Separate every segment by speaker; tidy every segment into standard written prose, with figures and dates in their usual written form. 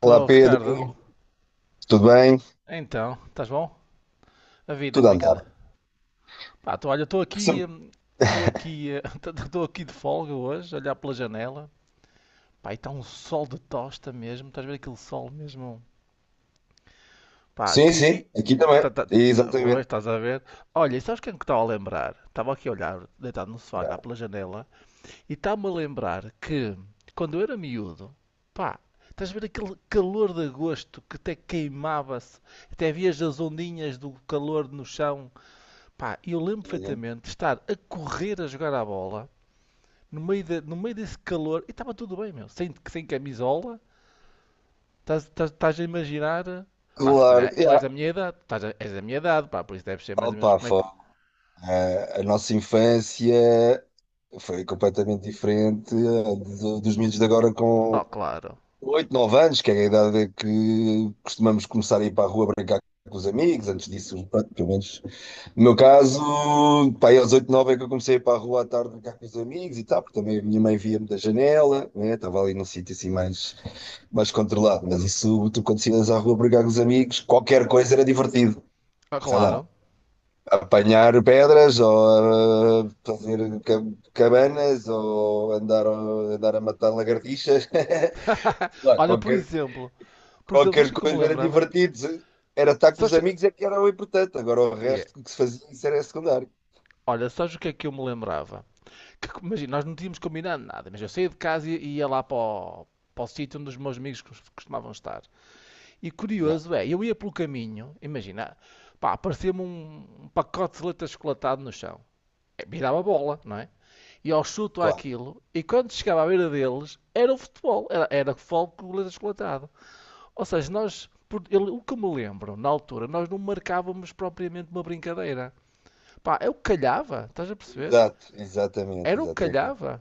Speaker 1: Olá, Pedro,
Speaker 2: Ricardo.
Speaker 1: tudo bem?
Speaker 2: Então, estás bom? A vida,
Speaker 1: Tudo a
Speaker 2: como é que
Speaker 1: andar.
Speaker 2: anda? Pá, tô, olha,
Speaker 1: Sim,
Speaker 2: estou aqui de folga hoje, a olhar pela janela. Pá, e está um sol de tosta mesmo, estás a ver aquele sol mesmo? Pá,
Speaker 1: sim,
Speaker 2: que.
Speaker 1: sim,
Speaker 2: E,
Speaker 1: aqui também.
Speaker 2: pois,
Speaker 1: Exatamente.
Speaker 2: estás a ver? Olha, e sabes quem é que estava a lembrar? Estava aqui a olhar, deitado no sofá, a
Speaker 1: Yeah.
Speaker 2: olhar pela janela, e está-me a lembrar que, quando eu era miúdo, pá, estás a ver aquele calor de agosto que até queimava-se, até havia as ondinhas do calor no chão. Pá, eu lembro
Speaker 1: Uhum.
Speaker 2: perfeitamente de estar a correr a jogar a bola no meio, no meio desse calor e estava tudo bem, meu. Sem, sem camisola, estás a imaginar. Pá, se calhar
Speaker 1: Claro,
Speaker 2: tu és
Speaker 1: yeah.
Speaker 2: da minha idade, és da minha idade, pá, por isso deves ser mais ou menos
Speaker 1: Opa,
Speaker 2: como é
Speaker 1: foi,
Speaker 2: que.
Speaker 1: a nossa infância foi completamente diferente, dos miúdos de agora
Speaker 2: Oh,
Speaker 1: com
Speaker 2: claro.
Speaker 1: 8 9 anos, que é a idade que costumamos começar a ir para a rua brincar com os amigos. Antes disso, pronto, pelo menos no meu caso, pá, aí aos 8, 9 é que eu comecei a ir para a rua à tarde brincar com os amigos e tal, porque também a minha mãe via-me da janela, né? Estava ali num sítio mais controlado. Mas isso, tu quando saías à rua brincar com os amigos, qualquer coisa era divertido.
Speaker 2: Oh,
Speaker 1: Sei lá,
Speaker 2: claro.
Speaker 1: apanhar pedras ou fazer cabanas ou andar a matar lagartixas. Sei lá,
Speaker 2: Olha, por exemplo, sabes o
Speaker 1: qualquer
Speaker 2: que é que eu me
Speaker 1: coisa era
Speaker 2: lembrava?
Speaker 1: divertido. Era estar com
Speaker 2: Sabes
Speaker 1: os
Speaker 2: que-
Speaker 1: amigos é que era o importante. Agora, o
Speaker 2: é,
Speaker 1: resto que se fazia, isso era secundário.
Speaker 2: olha, sabes o que é que eu me lembrava? Que, imagina, nós não tínhamos combinado nada, mas eu saía de casa e ia lá para o, para o sítio onde os meus amigos costumavam estar. E
Speaker 1: Já,
Speaker 2: curioso é, eu ia pelo caminho, imagina, pá, aparecia-me um pacote de leite achocolatado no chão. Eh, virava bola, não é? E ao chuto
Speaker 1: claro.
Speaker 2: aquilo e quando chegava à beira deles, era o futebol, era, era futebol com o leite achocolatado. Ou seja, nós, o que me lembro, na altura, nós não marcávamos propriamente uma brincadeira. Pá, é o que calhava, estás a perceber?
Speaker 1: Exato, exatamente,
Speaker 2: Era o que
Speaker 1: exatamente.
Speaker 2: calhava.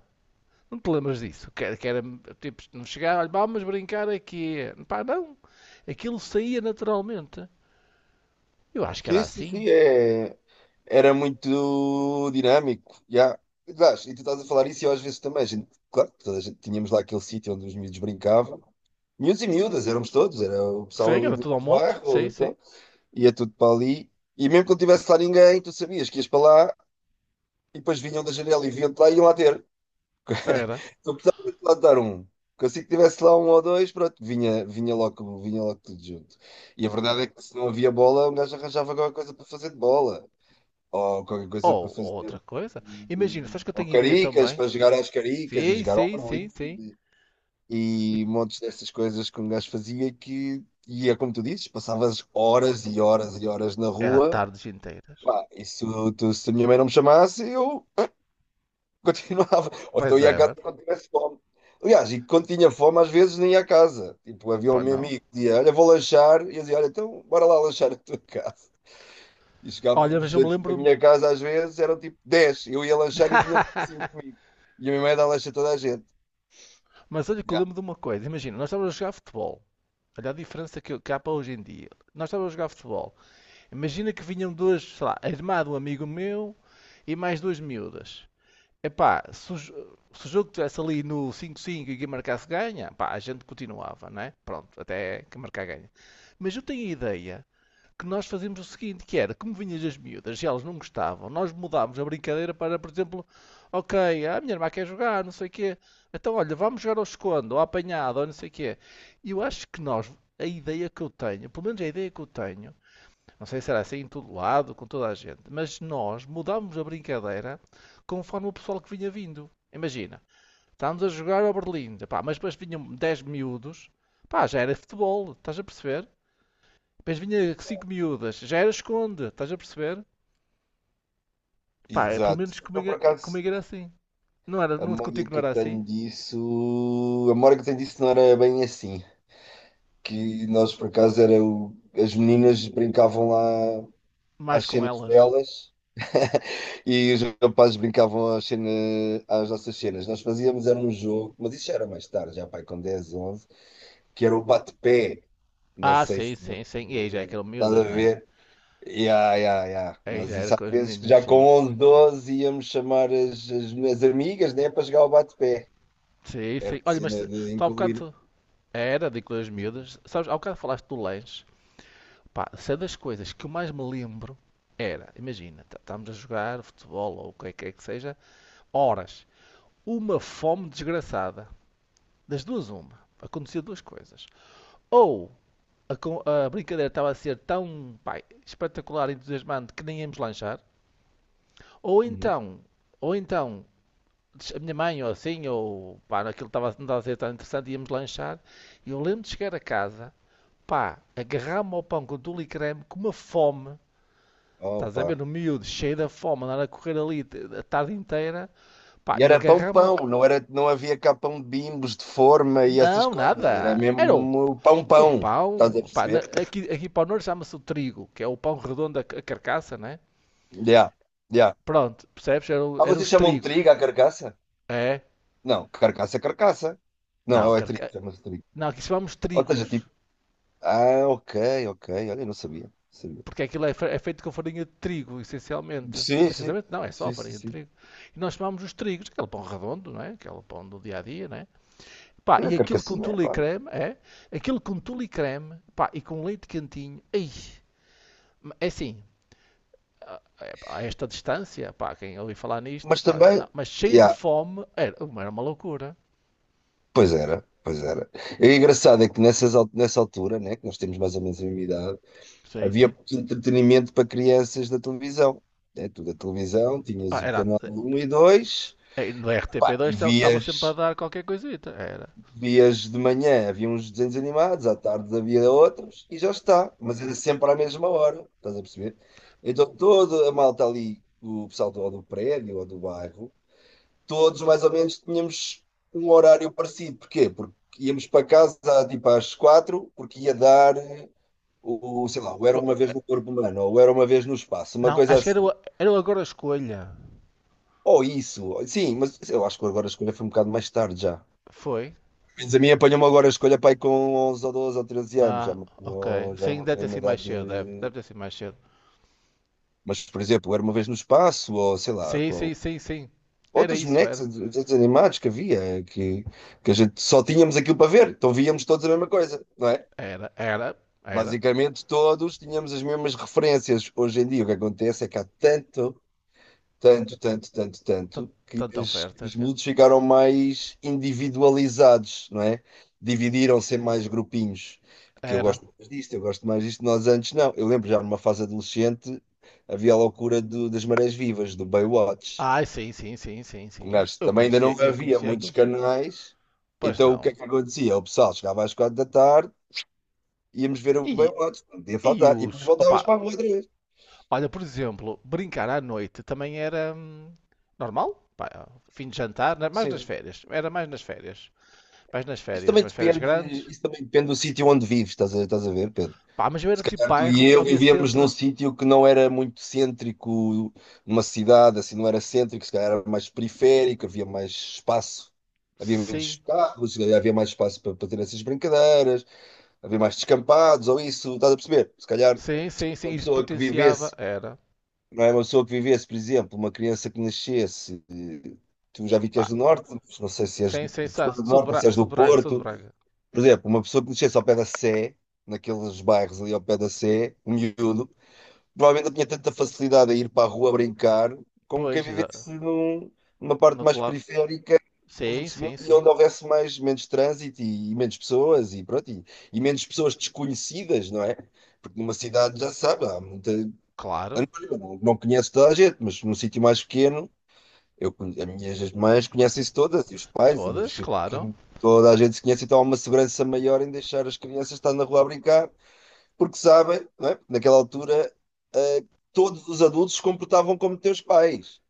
Speaker 2: Não te lembras disso? Que era tipo, não chegava, olha, vamos brincar aqui. Pá, não. Aquilo saía naturalmente. Eu acho que era
Speaker 1: Sim, sim,
Speaker 2: assim.
Speaker 1: sim, é... era muito dinâmico. Já. Aliás, e tu estás a falar isso e eu às vezes também. Claro, toda a gente, tínhamos lá aquele sítio onde os miúdos brincavam. Miúdos e miúdas, éramos todos, era o pessoal
Speaker 2: Sim,
Speaker 1: ali
Speaker 2: era
Speaker 1: do
Speaker 2: tudo ao monte.
Speaker 1: bairro.
Speaker 2: Sim, sim.
Speaker 1: Então, ia tudo para ali. E mesmo que não tivesse lá ninguém, tu sabias que ias para lá e depois vinham da janela e vinham-te lá e iam lá ter.
Speaker 2: Era.
Speaker 1: Eu precisava de lá dar um. Porque assim que tivesse lá um ou dois, pronto, vinha logo, vinha logo tudo junto. E a verdade é que se não havia bola, um gajo arranjava qualquer coisa para fazer de bola. Ou qualquer coisa para
Speaker 2: Ou outra
Speaker 1: fazer.
Speaker 2: coisa. Imagina, sabes que eu
Speaker 1: Ou
Speaker 2: tenho ideia
Speaker 1: caricas,
Speaker 2: também?
Speaker 1: para jogar às caricas e
Speaker 2: Sim,
Speaker 1: jogar ao
Speaker 2: sim, sim,
Speaker 1: Berlim.
Speaker 2: sim.
Speaker 1: E montes dessas coisas que um gajo fazia, que... E é como tu dizes, passavas horas e horas e horas na
Speaker 2: Era
Speaker 1: rua.
Speaker 2: tardes inteiras.
Speaker 1: Pá, isso, tu, se a minha mãe não me chamasse, eu continuava. Ou então
Speaker 2: Pois
Speaker 1: ia à
Speaker 2: é,
Speaker 1: casa
Speaker 2: mano.
Speaker 1: quando tivesse fome. Aliás, e quando tinha fome, às vezes nem ia à casa. Tipo, havia um
Speaker 2: Pá,
Speaker 1: meu
Speaker 2: não.
Speaker 1: amigo que dizia: "Olha, vou lanchar." E eu dizia: "Olha, então bora lá lanchar a tua casa." E
Speaker 2: Olha,
Speaker 1: chegávamos,
Speaker 2: mas eu me
Speaker 1: tipo, a
Speaker 2: lembro.
Speaker 1: minha
Speaker 2: De-
Speaker 1: casa, às vezes eram tipo dez. Eu ia lanchar e vinha tipo 5 comigo. E a minha mãe dá lanche a toda a gente.
Speaker 2: Mas olha que eu
Speaker 1: Yeah.
Speaker 2: lembro de uma coisa. Imagina, nós estávamos a jogar futebol. Olha a diferença que há para hoje em dia. Nós estávamos a jogar futebol. Imagina que vinham duas, sei lá, a irmã de um amigo meu e mais duas miúdas. Epá, se o jogo estivesse ali no cinco cinco e quem marcasse ganha, pá, a gente continuava, não é? Pronto, até que marcar ganha. Mas eu tenho a ideia que nós fazíamos o seguinte, que era, como vinhas as miúdas e elas não gostavam, nós mudámos a brincadeira para, por exemplo, ok, "Ah, a minha irmã quer jogar, não sei o quê, então olha, vamos jogar ao escondo, ou à apanhada, ou não sei o quê." E eu acho que nós, a ideia que eu tenho, pelo menos a ideia que eu tenho, não sei se era assim em todo lado, com toda a gente. Mas nós mudámos a brincadeira conforme o pessoal que vinha vindo. Imagina, estávamos a jogar ao Berlim, pá, mas depois vinham 10 miúdos, pá, já era futebol, estás a perceber? Depois vinha 5 miúdas, já era esconde, estás a perceber? Pá, é, pelo
Speaker 1: Exato.
Speaker 2: menos
Speaker 1: Então,
Speaker 2: comigo,
Speaker 1: por
Speaker 2: é,
Speaker 1: acaso,
Speaker 2: comigo era assim. Não era,
Speaker 1: a
Speaker 2: não,
Speaker 1: memória
Speaker 2: contigo não
Speaker 1: que eu
Speaker 2: era assim?
Speaker 1: tenho disso... A memória que eu tenho disso não era bem assim. Que nós, por acaso, era o... as meninas brincavam lá
Speaker 2: Mais
Speaker 1: às
Speaker 2: com
Speaker 1: cenas
Speaker 2: elas.
Speaker 1: delas. E os rapazes brincavam às, cena, às nossas cenas. Nós fazíamos, era um jogo, mas isso já era mais tarde, já pai, com 10, 11, que era o bate-pé. Não
Speaker 2: Ah,
Speaker 1: sei
Speaker 2: sim,
Speaker 1: se
Speaker 2: sim, sim. E aí já é que eram
Speaker 1: estás
Speaker 2: miúdas,
Speaker 1: a
Speaker 2: não é?
Speaker 1: ver. Ya, ya, ya.
Speaker 2: Aí
Speaker 1: Nós,
Speaker 2: já era
Speaker 1: isso às
Speaker 2: com as
Speaker 1: vezes, que
Speaker 2: meninas,
Speaker 1: já com
Speaker 2: sim.
Speaker 1: 11, 12 íamos chamar as, as minhas amigas, né, para jogar o bate-pé.
Speaker 2: Sim,
Speaker 1: Era a
Speaker 2: sim. Olha, mas
Speaker 1: cena de
Speaker 2: tu há
Speaker 1: incluir.
Speaker 2: bocado, era de coisas miúdas. Sabes, ao bocado falaste do lanche. Pá, se é das coisas que eu mais me lembro era, imagina, estamos a jogar futebol ou o que é que é que seja, horas. Uma fome desgraçada. Das duas, uma. Acontecia duas coisas. Ou a, a brincadeira estava a ser tão, pá, espetacular, e entusiasmante que nem íamos lanchar. Ou
Speaker 1: Uhum.
Speaker 2: então, ou então, a minha mãe ou assim, ou pá, aquilo estava, não estava a ser tão interessante, íamos lanchar. E eu lembro de chegar a casa pá, agarrar-me ao pão com tule e creme, com uma fome, estás a
Speaker 1: Opa.
Speaker 2: ver, no miúdo, cheio da fome, andar a correr ali a tarde inteira, pá,
Speaker 1: E
Speaker 2: eu
Speaker 1: era
Speaker 2: agarrar-me,
Speaker 1: pão-pão, não era, não havia cá pão de bimbos, de forma e essas
Speaker 2: não,
Speaker 1: coisas. Era
Speaker 2: nada, era
Speaker 1: mesmo
Speaker 2: o
Speaker 1: pão-pão. Estás a
Speaker 2: pão, pá,
Speaker 1: perceber?
Speaker 2: aqui, aqui para o norte chama-se o trigo, que é o pão redondo, a carcaça, né?
Speaker 1: Yeah, yeah.
Speaker 2: Pronto, percebes, eram,
Speaker 1: Ah,
Speaker 2: eram
Speaker 1: vocês
Speaker 2: os
Speaker 1: chamam
Speaker 2: trigos,
Speaker 1: trigo à carcaça?
Speaker 2: é,
Speaker 1: Não, carcaça é carcaça.
Speaker 2: não,
Speaker 1: Não, é trigo,
Speaker 2: carca...
Speaker 1: chama-se trigo.
Speaker 2: não, aqui chamamos
Speaker 1: Ou seja,
Speaker 2: trigos,
Speaker 1: tipo, ah, ok, ok, olha, eu não sabia. Sabia.
Speaker 2: porque aquilo é, é feito com farinha de trigo, essencialmente.
Speaker 1: Sim, sim,
Speaker 2: Essencialmente não, é só
Speaker 1: sim, sim,
Speaker 2: farinha de
Speaker 1: sim.
Speaker 2: trigo. E nós chamamos os trigos, aquele pão redondo, não é? Aquele pão do dia a dia, né. Pá,
Speaker 1: Tem a
Speaker 2: e aquilo com
Speaker 1: carcassinha, é
Speaker 2: tule e
Speaker 1: claro.
Speaker 2: creme, é? Aquilo com tule e creme, pá, e com leite quentinho. Ei, é assim, é, esta distância, pá, quem ouvi falar nisto,
Speaker 1: Mas
Speaker 2: pá, não,
Speaker 1: também,
Speaker 2: mas cheio de
Speaker 1: yeah,
Speaker 2: fome, era, era uma loucura.
Speaker 1: pois era, pois era. E o engraçado é que nessas, nessa altura, né, que nós temos mais ou menos a mesma idade,
Speaker 2: Sim,
Speaker 1: havia
Speaker 2: sim.
Speaker 1: entretenimento para crianças da televisão. É, tu da televisão
Speaker 2: Ah,
Speaker 1: tinhas o
Speaker 2: era,
Speaker 1: canal um e dois,
Speaker 2: no
Speaker 1: pá, e
Speaker 2: RTP2 estava sempre a
Speaker 1: vias.
Speaker 2: dar qualquer coisita, era.
Speaker 1: Vias de manhã havia uns desenhos animados, à tarde havia outros e já está. Mas era sempre à mesma hora, estás a perceber? Então toda a malta ali, o pessoal ou do prédio ou do bairro, todos mais ou menos tínhamos um horário parecido. Porquê? Porque íamos para casa tipo às quatro, porque ia dar sei lá, o Era
Speaker 2: Oh,
Speaker 1: Uma Vez no Corpo Humano ou o Era Uma Vez no Espaço, uma
Speaker 2: não,
Speaker 1: coisa
Speaker 2: acho que era o,
Speaker 1: assim.
Speaker 2: era o Agora Escolha.
Speaker 1: Ou isso, sim, mas eu acho que agora a escolha foi um bocado mais tarde já.
Speaker 2: Foi?
Speaker 1: Mas a mim apanhou-me agora a escolha, pai, com 11 ou 12 ou 13 anos, já,
Speaker 2: Ah, ok.
Speaker 1: já não
Speaker 2: Sim,
Speaker 1: me
Speaker 2: deve
Speaker 1: apanhou
Speaker 2: ter
Speaker 1: numa
Speaker 2: sido mais
Speaker 1: idade
Speaker 2: cedo, deve, deve
Speaker 1: de...
Speaker 2: ter sido mais cedo.
Speaker 1: Mas, por exemplo, Era Uma Vez no Espaço, ou sei lá,
Speaker 2: Sim,
Speaker 1: com
Speaker 2: sim, sim, sim. Era
Speaker 1: outros
Speaker 2: isso,
Speaker 1: bonecos,
Speaker 2: era.
Speaker 1: desenhos animados, que havia, que a gente só tínhamos aquilo para ver, então víamos todos a mesma coisa, não é?
Speaker 2: Era, era, era.
Speaker 1: Basicamente todos tínhamos as mesmas referências. Hoje em dia, o que acontece é que há tanto... tanto, tanto, tanto,
Speaker 2: Tan-
Speaker 1: tanto, que
Speaker 2: Tanta
Speaker 1: que
Speaker 2: oferta
Speaker 1: os
Speaker 2: que
Speaker 1: miúdos ficaram mais individualizados, não é? Dividiram-se em mais grupinhos. Porque eu
Speaker 2: era.
Speaker 1: gosto mais disto, eu gosto mais disto. Nós antes não. Eu lembro, já numa fase adolescente, havia a loucura das marés vivas, do Baywatch.
Speaker 2: Ai, sim, sim, sim, sim,
Speaker 1: Um
Speaker 2: sim.
Speaker 1: gajo também, ainda não
Speaker 2: Eu
Speaker 1: havia
Speaker 2: conhecia
Speaker 1: muitos
Speaker 2: aquilo tudo.
Speaker 1: canais.
Speaker 2: Pois
Speaker 1: Então, o que é
Speaker 2: não.
Speaker 1: que acontecia? O pessoal chegava às quatro da tarde, íamos ver o
Speaker 2: E,
Speaker 1: Baywatch, não podia
Speaker 2: e
Speaker 1: faltar. E depois
Speaker 2: os.
Speaker 1: voltávamos
Speaker 2: Opa,
Speaker 1: para a rua outra vez.
Speaker 2: olha, por exemplo, brincar à noite também era normal. Pá, fim de jantar, mais nas
Speaker 1: Sim.
Speaker 2: férias. Era mais nas férias. Mais nas
Speaker 1: Isso
Speaker 2: férias,
Speaker 1: também
Speaker 2: mas férias
Speaker 1: depende,
Speaker 2: grandes.
Speaker 1: isso também depende do sítio onde vives, estás a ver, Pedro?
Speaker 2: Pá, mas eu
Speaker 1: Se
Speaker 2: era tipo
Speaker 1: calhar tu e
Speaker 2: bairro,
Speaker 1: eu
Speaker 2: havia
Speaker 1: vivíamos num
Speaker 2: sempre.
Speaker 1: sítio que não era muito cêntrico, numa cidade assim, não era cêntrico, se calhar era mais periférico, havia mais espaço, havia
Speaker 2: Sim,
Speaker 1: menos carros, se calhar havia mais espaço para ter essas brincadeiras, havia mais descampados ou isso, estás a perceber? Se calhar
Speaker 2: sim, sim, sim.
Speaker 1: uma
Speaker 2: Isso
Speaker 1: pessoa que
Speaker 2: potenciava.
Speaker 1: vivesse,
Speaker 2: Era.
Speaker 1: não é, uma pessoa que vivesse, por exemplo, uma criança que nascesse, tu, já vi que
Speaker 2: Pá,
Speaker 1: és do Norte, mas não sei se és
Speaker 2: sim, sim,
Speaker 1: de que zona do
Speaker 2: sou de
Speaker 1: Norte ou se
Speaker 2: Braga,
Speaker 1: és
Speaker 2: sou
Speaker 1: do
Speaker 2: de Braga, sou de
Speaker 1: Porto.
Speaker 2: Braga.
Speaker 1: Por exemplo, uma pessoa que nascesse ao pé da Sé, naqueles bairros ali ao pé da Sé, um miúdo provavelmente eu tinha tanta facilidade a ir para a rua brincar como quem
Speaker 2: Pois, exato.
Speaker 1: vivesse numa
Speaker 2: No
Speaker 1: parte mais
Speaker 2: outro lado.
Speaker 1: periférica, estás a
Speaker 2: Sim,
Speaker 1: perceber?
Speaker 2: sim,
Speaker 1: E
Speaker 2: sim.
Speaker 1: onde houvesse mais, menos trânsito e menos pessoas e pronto, e menos pessoas desconhecidas, não é? Porque numa cidade já sabe, há muita...
Speaker 2: Claro,
Speaker 1: anónima. Não, não conheço toda a gente, mas num sítio mais pequeno, as minhas mães conhecem-se todas, e os pais,
Speaker 2: todas, claro.
Speaker 1: toda a gente se conhece, então há uma segurança maior em deixar as crianças estar na rua a brincar porque sabem, não é? Porque naquela altura, ah, todos os adultos se comportavam como teus pais.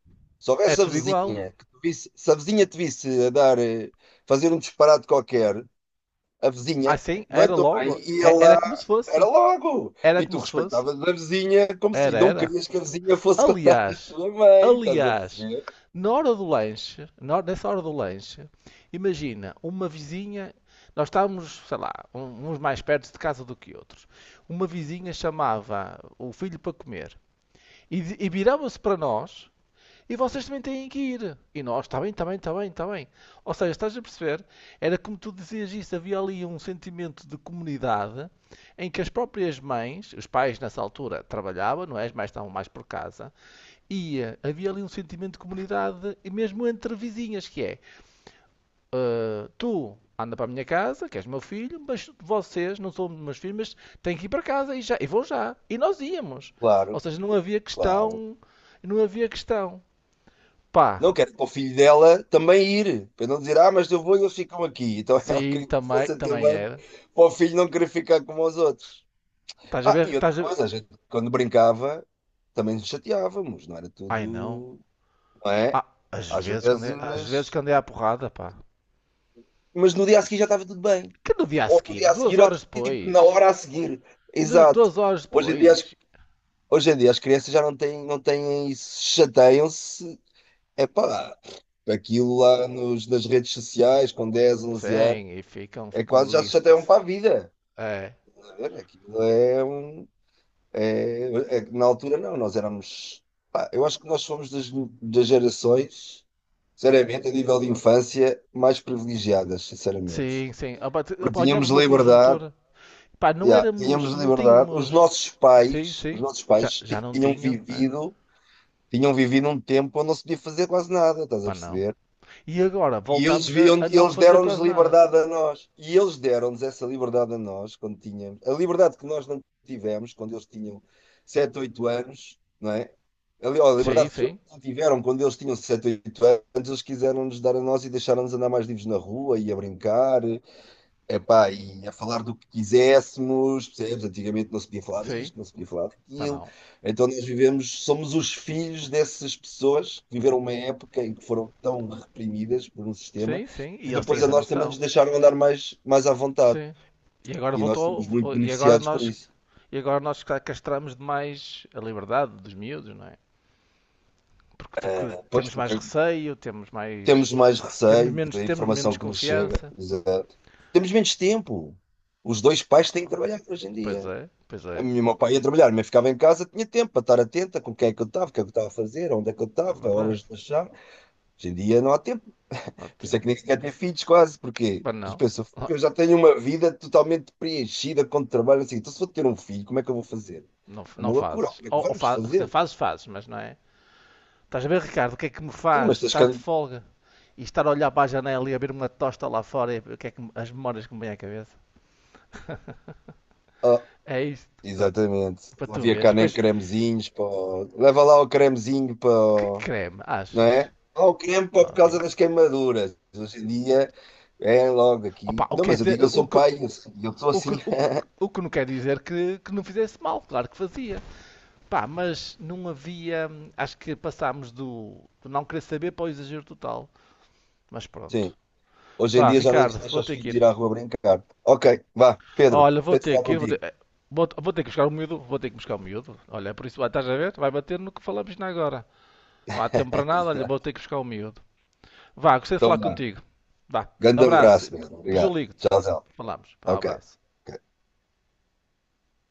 Speaker 1: Se
Speaker 2: É
Speaker 1: houvesse a
Speaker 2: tudo igual.
Speaker 1: vizinha que te visse, se a vizinha te visse a dar, fazer um disparate qualquer, a vizinha,
Speaker 2: Assim,
Speaker 1: não é
Speaker 2: era
Speaker 1: tão bem,
Speaker 2: logo.
Speaker 1: ia
Speaker 2: Era
Speaker 1: lá,
Speaker 2: como se fosse.
Speaker 1: era logo.
Speaker 2: Era
Speaker 1: E
Speaker 2: como
Speaker 1: tu
Speaker 2: se fosse.
Speaker 1: respeitavas a vizinha, como se,
Speaker 2: Era,
Speaker 1: não
Speaker 2: era.
Speaker 1: querias que a vizinha fosse contar à
Speaker 2: Aliás,
Speaker 1: tua mãe, estás a
Speaker 2: aliás,
Speaker 1: perceber?
Speaker 2: na hora do lanche, nessa hora do lanche, imagina, uma vizinha. Nós estávamos, sei lá, uns mais perto de casa do que outros. Uma vizinha chamava o filho para comer e, e virava-se para nós. E vocês também têm que ir. E nós, está bem, está bem, está bem, está bem. Ou seja, estás a perceber? Era como tu dizias isso, havia ali um sentimento de comunidade em que as próprias mães, os pais nessa altura trabalhavam, não é? As mães estavam mais por casa, e havia ali um sentimento de comunidade, e mesmo entre vizinhas, que é eh, tu anda para a minha casa, que és meu filho, mas vocês não são meus filhos, mas têm que ir para casa e já, e vão já. E nós íamos. Ou
Speaker 1: Claro,
Speaker 2: seja, não havia
Speaker 1: claro.
Speaker 2: questão, não havia questão. Pá,
Speaker 1: Não quero, para o filho dela também ir, para não dizer: "Ah, mas eu vou e eles ficam aqui." Então ela
Speaker 2: sim,
Speaker 1: queria que
Speaker 2: também,
Speaker 1: fosse também,
Speaker 2: também era.
Speaker 1: para o filho não querer ficar como os outros.
Speaker 2: Estás a
Speaker 1: Ah,
Speaker 2: ver?
Speaker 1: e
Speaker 2: Estás
Speaker 1: outra
Speaker 2: a... ver.
Speaker 1: coisa, a gente, quando brincava, também nos chateávamos, não era
Speaker 2: Ai não.
Speaker 1: tudo, não é?
Speaker 2: Ah, às
Speaker 1: Às
Speaker 2: vezes que andei, às vezes que
Speaker 1: vezes,
Speaker 2: andei à porrada, pá.
Speaker 1: mas no dia a seguir já estava tudo bem.
Speaker 2: Que no dia a
Speaker 1: Ou no
Speaker 2: seguir,
Speaker 1: dia a
Speaker 2: duas
Speaker 1: seguir, ou
Speaker 2: horas
Speaker 1: tipo na
Speaker 2: depois.
Speaker 1: hora a seguir. Exato.
Speaker 2: Duas horas
Speaker 1: Hoje em dia, as-
Speaker 2: depois.
Speaker 1: hoje em dia, as crianças já não têm, não têm isso, chateiam-se. Epá, aquilo lá nos, nas redes sociais, com 10, 11 anos,
Speaker 2: Sim, e ficam,
Speaker 1: é
Speaker 2: ficam
Speaker 1: quase já se chateiam
Speaker 2: listos.
Speaker 1: para a vida.
Speaker 2: É.
Speaker 1: Estás a ver? Aquilo é um... É, é que na altura, não, nós éramos... pá, eu acho que nós fomos das, das gerações, sinceramente, a nível de infância, mais privilegiadas, sinceramente.
Speaker 2: Sim, sim. Opa, opa,
Speaker 1: Porque tínhamos
Speaker 2: apanhámos uma
Speaker 1: liberdade,
Speaker 2: conjuntura. Pá, não
Speaker 1: yeah,
Speaker 2: éramos,
Speaker 1: tínhamos
Speaker 2: não
Speaker 1: liberdade.
Speaker 2: tínhamos. Sim,
Speaker 1: Os
Speaker 2: sim.
Speaker 1: nossos
Speaker 2: Já,
Speaker 1: pais
Speaker 2: já não
Speaker 1: tinham
Speaker 2: tinham, né?
Speaker 1: vivido, um tempo onde não se podia fazer quase nada, estás a
Speaker 2: Pá, não.
Speaker 1: perceber?
Speaker 2: E agora
Speaker 1: E eles
Speaker 2: voltámos
Speaker 1: viam,
Speaker 2: a não
Speaker 1: eles
Speaker 2: fazer
Speaker 1: deram-nos
Speaker 2: quase nada.
Speaker 1: liberdade a nós. E eles deram-nos essa liberdade a nós quando tínhamos... a liberdade que nós não tivemos, quando eles tinham 7, 8 anos, não é? A
Speaker 2: Sim,
Speaker 1: liberdade que eles
Speaker 2: sim,
Speaker 1: tiveram quando eles tinham 7, 8 anos, eles quiseram nos dar a nós e deixaram-nos andar mais livres na rua e a brincar. Epá, e a falar do que quiséssemos, percebes? Antigamente não se podia falar
Speaker 2: sim.
Speaker 1: disto, não se podia falar
Speaker 2: Pá,
Speaker 1: daquilo.
Speaker 2: não.
Speaker 1: Então, nós vivemos, somos os filhos dessas pessoas que viveram uma época em que foram tão reprimidas por um sistema
Speaker 2: Sim, sim.
Speaker 1: que
Speaker 2: E eles têm
Speaker 1: depois a
Speaker 2: essa
Speaker 1: nós também nos
Speaker 2: noção.
Speaker 1: deixaram andar mais, mais à vontade.
Speaker 2: Sim. E agora
Speaker 1: E nós
Speaker 2: voltou.
Speaker 1: somos muito
Speaker 2: E agora
Speaker 1: beneficiados por
Speaker 2: nós,
Speaker 1: isso.
Speaker 2: castramos demais a liberdade dos miúdos, não é? Porque
Speaker 1: Pois,
Speaker 2: temos mais
Speaker 1: porque
Speaker 2: receio, temos mais.
Speaker 1: temos mais receio da
Speaker 2: Temos menos
Speaker 1: informação que nos chega.
Speaker 2: confiança.
Speaker 1: Exato. Temos menos tempo. Os dois
Speaker 2: Oh,
Speaker 1: pais têm que trabalhar hoje em dia.
Speaker 2: pois é,
Speaker 1: O meu pai ia trabalhar, mas ficava em casa, tinha tempo para estar atenta com quem é que eu estava, o que é que eu estava a fazer, onde é que eu
Speaker 2: é
Speaker 1: estava,
Speaker 2: verdade.
Speaker 1: horas de lanchar. Hoje em dia não há tempo. Por isso
Speaker 2: Ótimo.
Speaker 1: é que nem sequer ter filhos quase, porque
Speaker 2: Mas
Speaker 1: tu
Speaker 2: não,
Speaker 1: pensas:
Speaker 2: oh,
Speaker 1: "Fogo, eu já tenho uma vida totalmente preenchida com trabalho, assim. Então, se vou ter um filho, como é que eu vou fazer?
Speaker 2: não,
Speaker 1: É
Speaker 2: não
Speaker 1: uma loucura,
Speaker 2: fazes.
Speaker 1: como é que
Speaker 2: Ou,
Speaker 1: vamos
Speaker 2: quer dizer,
Speaker 1: fazer?"
Speaker 2: fazes, fazes, mas não é? Estás a ver, Ricardo, o que é que me
Speaker 1: Sim,
Speaker 2: faz
Speaker 1: mas tens que...
Speaker 2: estar de folga e estar a olhar para a janela e a ver uma tosta lá fora e o que é as memórias que me vêm à cabeça?
Speaker 1: Ah,
Speaker 2: É isto. Ah,
Speaker 1: exatamente.
Speaker 2: para
Speaker 1: Não
Speaker 2: tu
Speaker 1: havia
Speaker 2: veres. E
Speaker 1: cá nem
Speaker 2: depois,
Speaker 1: cremezinhos para... leva lá o cremezinho
Speaker 2: que
Speaker 1: para...
Speaker 2: creme,
Speaker 1: não
Speaker 2: achas?
Speaker 1: é? Ao
Speaker 2: Não
Speaker 1: campo, por causa
Speaker 2: havia.
Speaker 1: das queimaduras. Hoje em dia é logo
Speaker 2: Opa,
Speaker 1: aqui.
Speaker 2: o
Speaker 1: Não,
Speaker 2: que é
Speaker 1: mas eu
Speaker 2: dizer,
Speaker 1: digo, eu sou pai, eu sou
Speaker 2: o,
Speaker 1: assim.
Speaker 2: que- o, que- o que não quer dizer que não fizesse mal, claro que fazia. Pá, mas não havia. Acho que passámos do, do não querer saber para o exagero total. Mas
Speaker 1: Sim,
Speaker 2: pronto.
Speaker 1: hoje em
Speaker 2: Vá,
Speaker 1: dia já não
Speaker 2: Ricardo,
Speaker 1: deixa
Speaker 2: vou
Speaker 1: os
Speaker 2: ter que
Speaker 1: filhos
Speaker 2: ir.
Speaker 1: ir à rua brincar. Ok, vá, Pedro,
Speaker 2: Olha, vou
Speaker 1: gostei de
Speaker 2: ter
Speaker 1: falar
Speaker 2: que ir, vou ter.
Speaker 1: contigo.
Speaker 2: Vou, vou ter que buscar o miúdo, vou ter que buscar o miúdo. Olha, por isso, ah, estás a ver? Vai bater no que falamos na agora. Não há tempo para nada, olha, vou ter que buscar o miúdo. Vá, gostei de falar
Speaker 1: Então, vá,
Speaker 2: contigo. Vá,
Speaker 1: grande
Speaker 2: abraço.
Speaker 1: abraço, meu.
Speaker 2: Depois eu
Speaker 1: Obrigado.
Speaker 2: ligo-te.
Speaker 1: Tchau, tchau.
Speaker 2: Falamos. Vá,
Speaker 1: Ok.
Speaker 2: abraço.